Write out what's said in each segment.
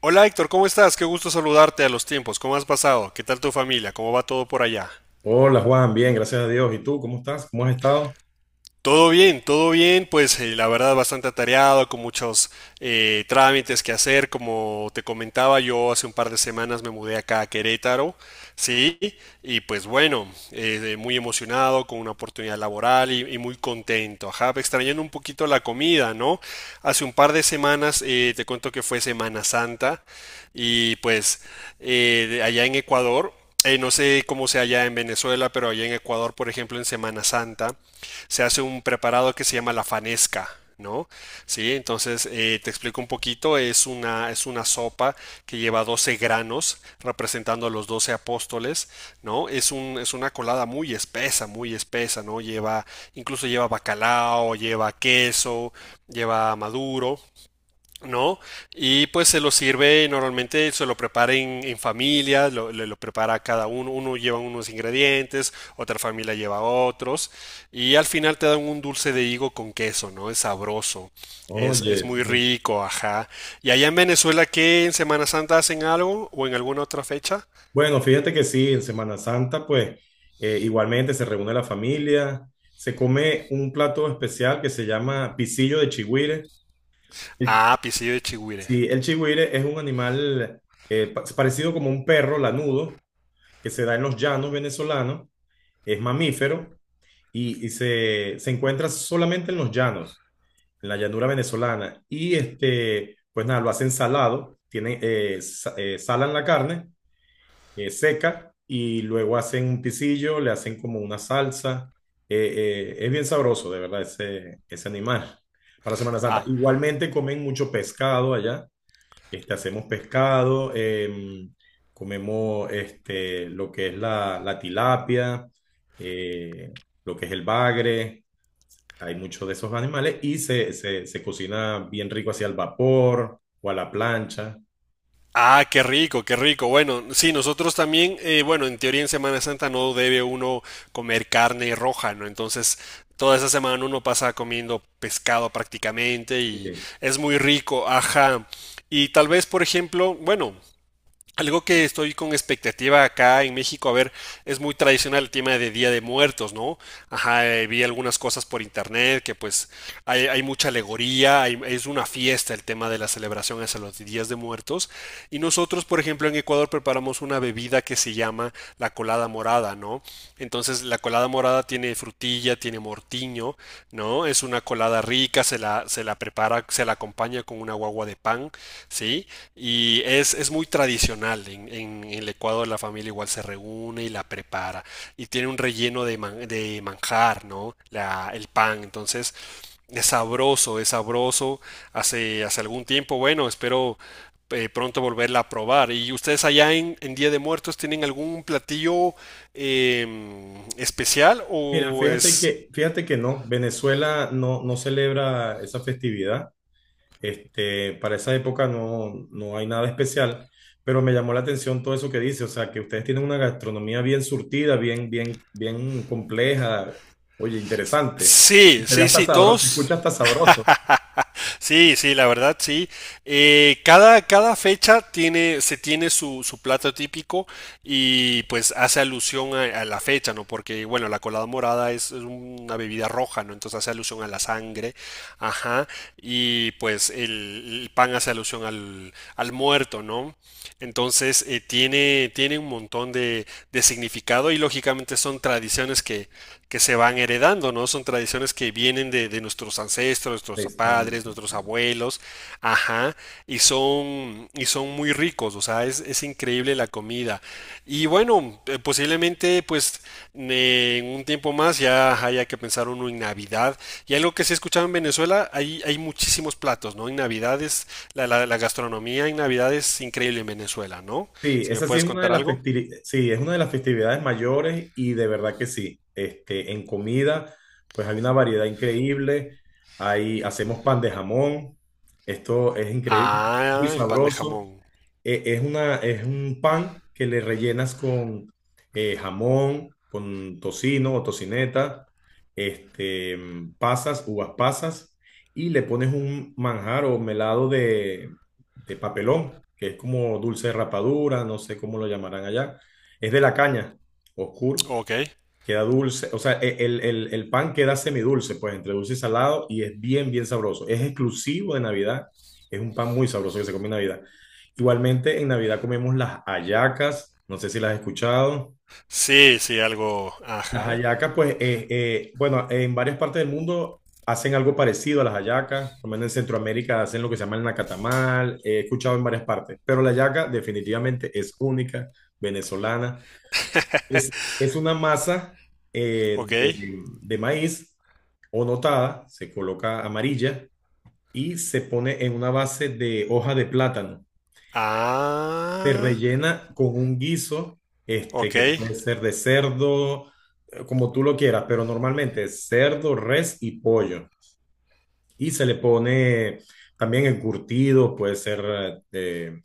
Hola Héctor, ¿cómo estás? Qué gusto saludarte a los tiempos. ¿Cómo has pasado? ¿Qué tal tu familia? ¿Cómo va todo por allá? Hola Juan, bien, gracias a Dios. ¿Y tú cómo estás? ¿Cómo has estado? Todo bien, pues la verdad bastante atareado, con muchos trámites que hacer. Como te comentaba, yo hace un par de semanas me mudé acá a Querétaro, sí, y pues bueno, muy emocionado con una oportunidad laboral y muy contento, ajá, extrañando un poquito la comida, ¿no? Hace un par de semanas te cuento que fue Semana Santa y pues de allá en Ecuador no sé cómo sea allá en Venezuela, pero allá en Ecuador, por ejemplo, en Semana Santa, se hace un preparado que se llama la fanesca. ¿No? Sí, entonces te explico un poquito, es una sopa que lleva 12 granos representando a los 12 apóstoles, ¿no? Es una colada muy espesa, ¿no? Incluso lleva bacalao, lleva queso, lleva maduro, ¿no? Y pues se lo sirve, normalmente se lo prepara en familia, lo prepara cada uno, uno lleva unos ingredientes, otra familia lleva otros, y al final te dan un dulce de higo con queso, ¿no? Es sabroso, es Oye, muy sí. rico, ajá. ¿Y allá en Venezuela qué en Semana Santa hacen algo o en alguna otra fecha? Bueno, fíjate que sí, en Semana Santa, pues igualmente se reúne la familia, se come un plato especial que se llama pisillo de chigüire. El- Ah, pisillo de chigüire. Sí, el chigüire es un animal parecido como un perro lanudo que se da en los llanos venezolanos, es mamífero y se encuentra solamente en los llanos, en la llanura venezolana. Y este, pues nada, lo hacen salado, tienen, salan la carne seca y luego hacen un pisillo, le hacen como una salsa. Es bien sabroso, de verdad, ese animal para Semana Santa. Ah, Igualmente comen mucho pescado allá. Este, hacemos pescado, comemos este, lo que es la tilapia, eh, lo que es el bagre. Hay muchos de esos animales y se cocina bien rico hacia el vapor o a la plancha. ah, qué rico, qué rico. Bueno, sí, nosotros también, bueno, en teoría en Semana Santa no debe uno comer carne roja, ¿no? Entonces, toda esa semana uno pasa comiendo pescado prácticamente y Sí. es muy rico, ajá. Y tal vez, por ejemplo, bueno, algo que estoy con expectativa acá en México, a ver, es muy tradicional el tema de Día de Muertos, ¿no? Ajá, vi algunas cosas por internet que pues hay mucha alegoría, es una fiesta el tema de la celebración hacia los Días de Muertos. Y nosotros, por ejemplo, en Ecuador preparamos una bebida que se llama la colada morada, ¿no? Entonces la colada morada tiene frutilla, tiene mortiño, ¿no? Es una colada rica, se la prepara, se la acompaña con una guagua de pan, ¿sí? Y es muy tradicional. En el Ecuador la familia igual se reúne y la prepara. Y tiene un relleno de manjar, ¿no? El pan. Entonces es sabroso, es sabroso. Hace algún tiempo, bueno, espero pronto volverla a probar. ¿Y ustedes allá en Día de Muertos tienen algún platillo eh, especial Mira, o es... fíjate que no, Venezuela no, no celebra esa festividad. Este, para esa época no, no hay nada especial, pero me llamó la atención todo eso que dice, o sea, que ustedes tienen una gastronomía bien surtida, bien compleja, oye, interesante. Sí, Se ve sí, hasta sí, sabroso, se todos. escucha hasta sabroso. Sí, sí, la verdad, sí. Cada fecha se tiene su plato típico y pues hace alusión a la fecha, ¿no? Porque, bueno, la colada morada es una bebida roja, ¿no? Entonces hace alusión a la sangre, ajá, y pues el pan hace alusión al muerto, ¿no? Entonces, tiene un montón de significado y lógicamente son tradiciones que se van heredando, ¿no? Son tradiciones que vienen de nuestros ancestros, nuestros padres, Hispánico, nuestros sí. abuelos, ajá, y son, muy ricos, o sea, es increíble la comida. Y bueno, posiblemente pues en un tiempo más ya haya que pensar uno en Navidad. Y algo que se escuchaba en Venezuela, hay muchísimos platos, ¿no? En Navidad la gastronomía en Navidad es increíble en Venezuela, ¿no? Sí, Si me esa sí puedes es una de contar las algo. festivi- sí, es una de las festividades mayores y de verdad que sí. Este, en comida, pues hay una variedad increíble. Ahí hacemos pan de jamón. Esto es increíble, muy Ah, el pan de sabroso. jamón. Es un pan que le rellenas con jamón, con tocino o tocineta, este, uvas pasas, y le pones un manjar o melado de papelón, que es como dulce de rapadura, no sé cómo lo llamarán allá. Es de la caña, oscuro. Ok. Queda dulce, o sea, el pan queda semidulce, pues entre dulce y salado, y es bien sabroso. Es exclusivo de Navidad, es un pan muy sabroso que se come en Navidad. Igualmente, en Navidad comemos las hallacas, no sé si las has escuchado. Sí, sí, algo. Las Ajá. hallacas, pues, bueno, en varias partes del mundo hacen algo parecido a las hallacas, por lo menos en Centroamérica hacen lo que se llama el nacatamal, he escuchado en varias partes, pero la hallaca definitivamente es única, venezolana. Es, es una masa eh, Ok. de, de maíz o notada, se coloca amarilla y se pone en una base de hoja de plátano. Se Ah, rellena con un guiso, este, ok. que puede ser de cerdo, como tú lo quieras, pero normalmente es cerdo, res y pollo. Y se le pone también encurtido, puede ser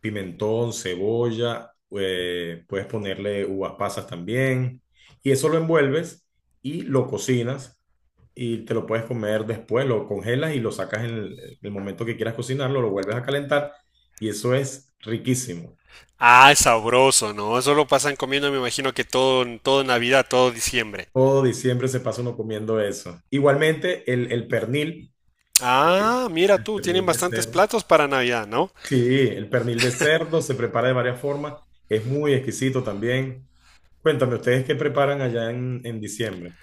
pimentón, cebolla, puedes ponerle uvas pasas también. Y eso lo envuelves y lo cocinas y te lo puedes comer después, lo congelas y lo sacas en el momento que quieras cocinarlo, lo vuelves a calentar y eso es riquísimo. Ah, es sabroso, ¿no? Eso lo pasan comiendo, me imagino que todo, todo Navidad, todo diciembre. Todo diciembre se pasa uno comiendo eso. Igualmente, eh, Ah, mira el tú, tienen pernil de bastantes cerdo. platos para Navidad, ¿no? Sí, el pernil de cerdo se prepara de varias formas, es muy exquisito también. Cuéntame, ¿ustedes qué preparan allá en diciembre?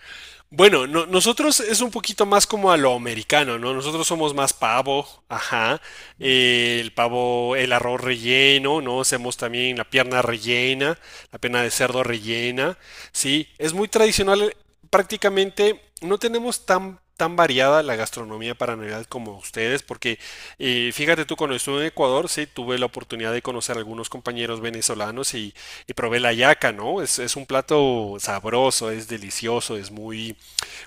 Bueno, nosotros es un poquito más como a lo americano, ¿no? Nosotros somos más pavo, ajá. El pavo, el arroz relleno, ¿no? Hacemos también la pierna rellena, la pierna de cerdo rellena, ¿sí? Es muy tradicional, prácticamente no tenemos tan variada la gastronomía para Navidad como ustedes, porque fíjate tú, cuando estuve en Ecuador, sí, tuve la oportunidad de conocer a algunos compañeros venezolanos y probé la yaca, ¿no? Es un plato sabroso, es delicioso, es muy,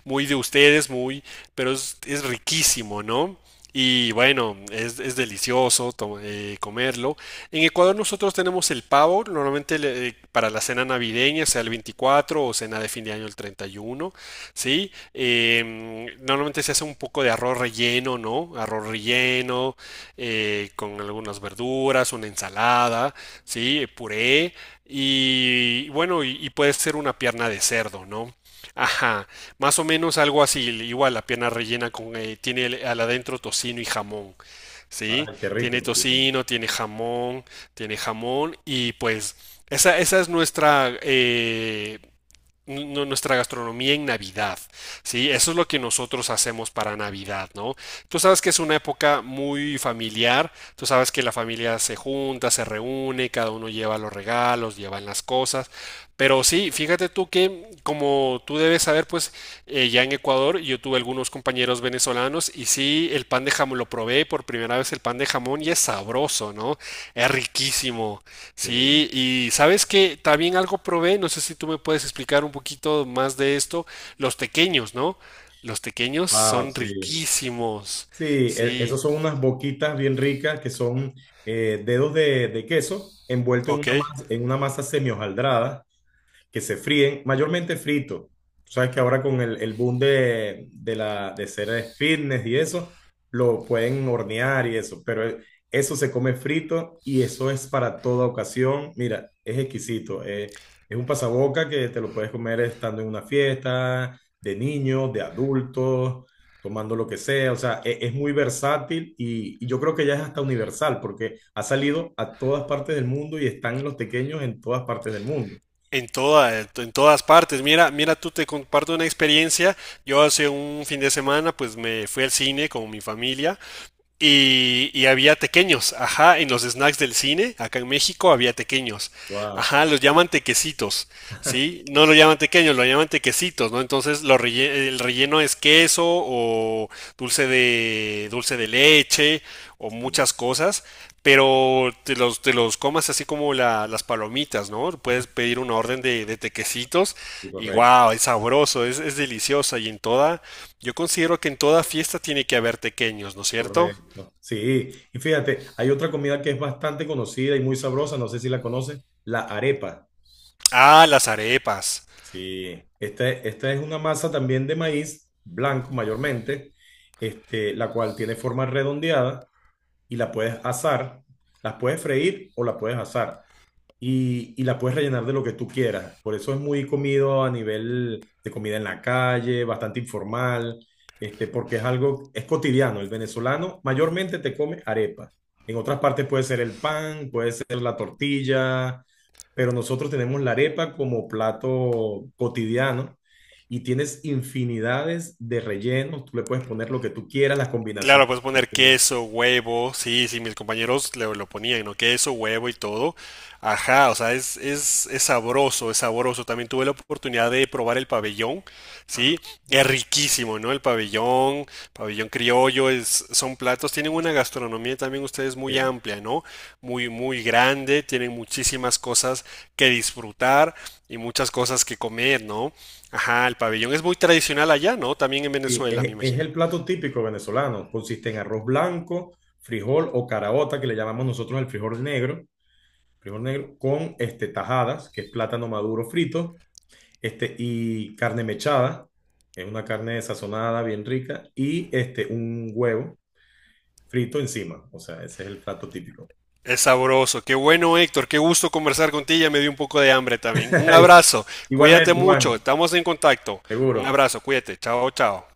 muy de ustedes, muy, pero es riquísimo, ¿no? Y bueno, es delicioso comerlo. En Ecuador nosotros tenemos el pavo, normalmente para la cena navideña, sea el 24 o cena de fin de año el 31, ¿sí? Normalmente se hace un poco de arroz relleno, ¿no? Arroz relleno, con algunas verduras, una ensalada, ¿sí? Puré. Y bueno, y puede ser una pierna de cerdo, ¿no? Ajá, más o menos algo así, igual la pierna rellena tiene al adentro tocino y jamón, ¿sí? Ay, qué Tiene rico, sí. tocino, tiene jamón, y pues esa, nuestra gastronomía en Navidad, ¿sí? Eso es lo que nosotros hacemos para Navidad, ¿no? Tú sabes que es una época muy familiar, tú sabes que la familia se junta, se reúne, cada uno lleva los regalos, llevan las cosas, pero sí, fíjate tú que, como tú debes saber, pues ya en Ecuador yo tuve algunos compañeros venezolanos y sí, el pan de jamón, lo probé por primera vez el pan de jamón y es sabroso, ¿no? Es riquísimo. Sí. Sí, y sabes que también algo probé, no sé si tú me puedes explicar un poquito más de esto, los tequeños, ¿no? Los tequeños Wow, son sí. riquísimos. Sí, Sí, esos son unas boquitas bien ricas que son dedos de queso envueltos ok. En una masa semi hojaldrada que se fríen, mayormente frito. Tú sabes que ahora con el boom de ser fitness y eso, lo pueden hornear y eso, pero eso se come frito y eso es para toda ocasión. Mira, es exquisito. Es un pasaboca que te lo puedes comer estando en una fiesta, de niños, de adultos, tomando lo que sea. O sea, es muy versátil y yo creo que ya es hasta universal porque ha salido a todas partes del mundo y están los pequeños en todas partes del mundo. En todas partes. Mira, mira, tú te comparto una experiencia. Yo hace un fin de semana, pues me fui al cine con mi familia. Había tequeños, ajá, en los snacks del cine, acá en México había tequeños, Wow. ajá, los llaman tequecitos, ¿sí? No lo llaman tequeños, lo llaman tequecitos, ¿no? Entonces el relleno es queso o dulce de leche o Sí, muchas cosas, pero te los comas así como las palomitas, ¿no? Puedes pedir una orden de tequecitos sí, y correcto, wow, es sabroso, es deliciosa y yo considero que en toda fiesta tiene que haber tequeños, ¿no es cierto? correcto. Sí, y fíjate, hay otra comida que es bastante conocida y muy sabrosa, no sé si la conoces, la arepa. Ah, las arepas. Sí, esta es una masa también de maíz blanco mayormente, este, la cual tiene forma redondeada y la puedes asar, las puedes freír o la puedes asar, y la puedes rellenar de lo que tú quieras. Por eso es muy comido a nivel de comida en la calle, bastante informal, este, porque es algo, es cotidiano. El venezolano mayormente te come arepa. En otras partes puede ser el pan, puede ser la tortilla, pero nosotros tenemos la arepa como plato cotidiano y tienes infinidades de rellenos. Tú le puedes poner lo que tú quieras, las Claro, combinaciones puedes que tú poner quieras. queso, huevo, sí, sí, mis compañeros lo ponían, ¿no? Queso, huevo y todo. Ajá, o sea, es sabroso, es sabroso. También tuve la oportunidad de probar el pabellón, Ah, ¿sí? Es riquísimo, ¿no? El pabellón, pabellón criollo, son platos, tienen una gastronomía también ustedes muy sí. amplia, ¿no? Muy, muy grande, tienen muchísimas cosas que disfrutar y muchas cosas que comer, ¿no? Ajá, el pabellón es muy tradicional allá, ¿no? También en Sí, Venezuela, me es imagino. el plato típico venezolano. Consiste en arroz blanco, frijol o caraota, que le llamamos nosotros el frijol negro con este, tajadas, que es plátano maduro frito, este, y carne mechada, es una carne sazonada bien rica, y este, un huevo frito encima. O sea, ese es el plato típico. Es sabroso. Qué bueno, Héctor. Qué gusto conversar contigo. Ya me dio un poco de hambre también. Un abrazo. Cuídate Igualmente, mucho. Juan, Estamos en contacto. Un seguro. abrazo. Cuídate. Chao, chao.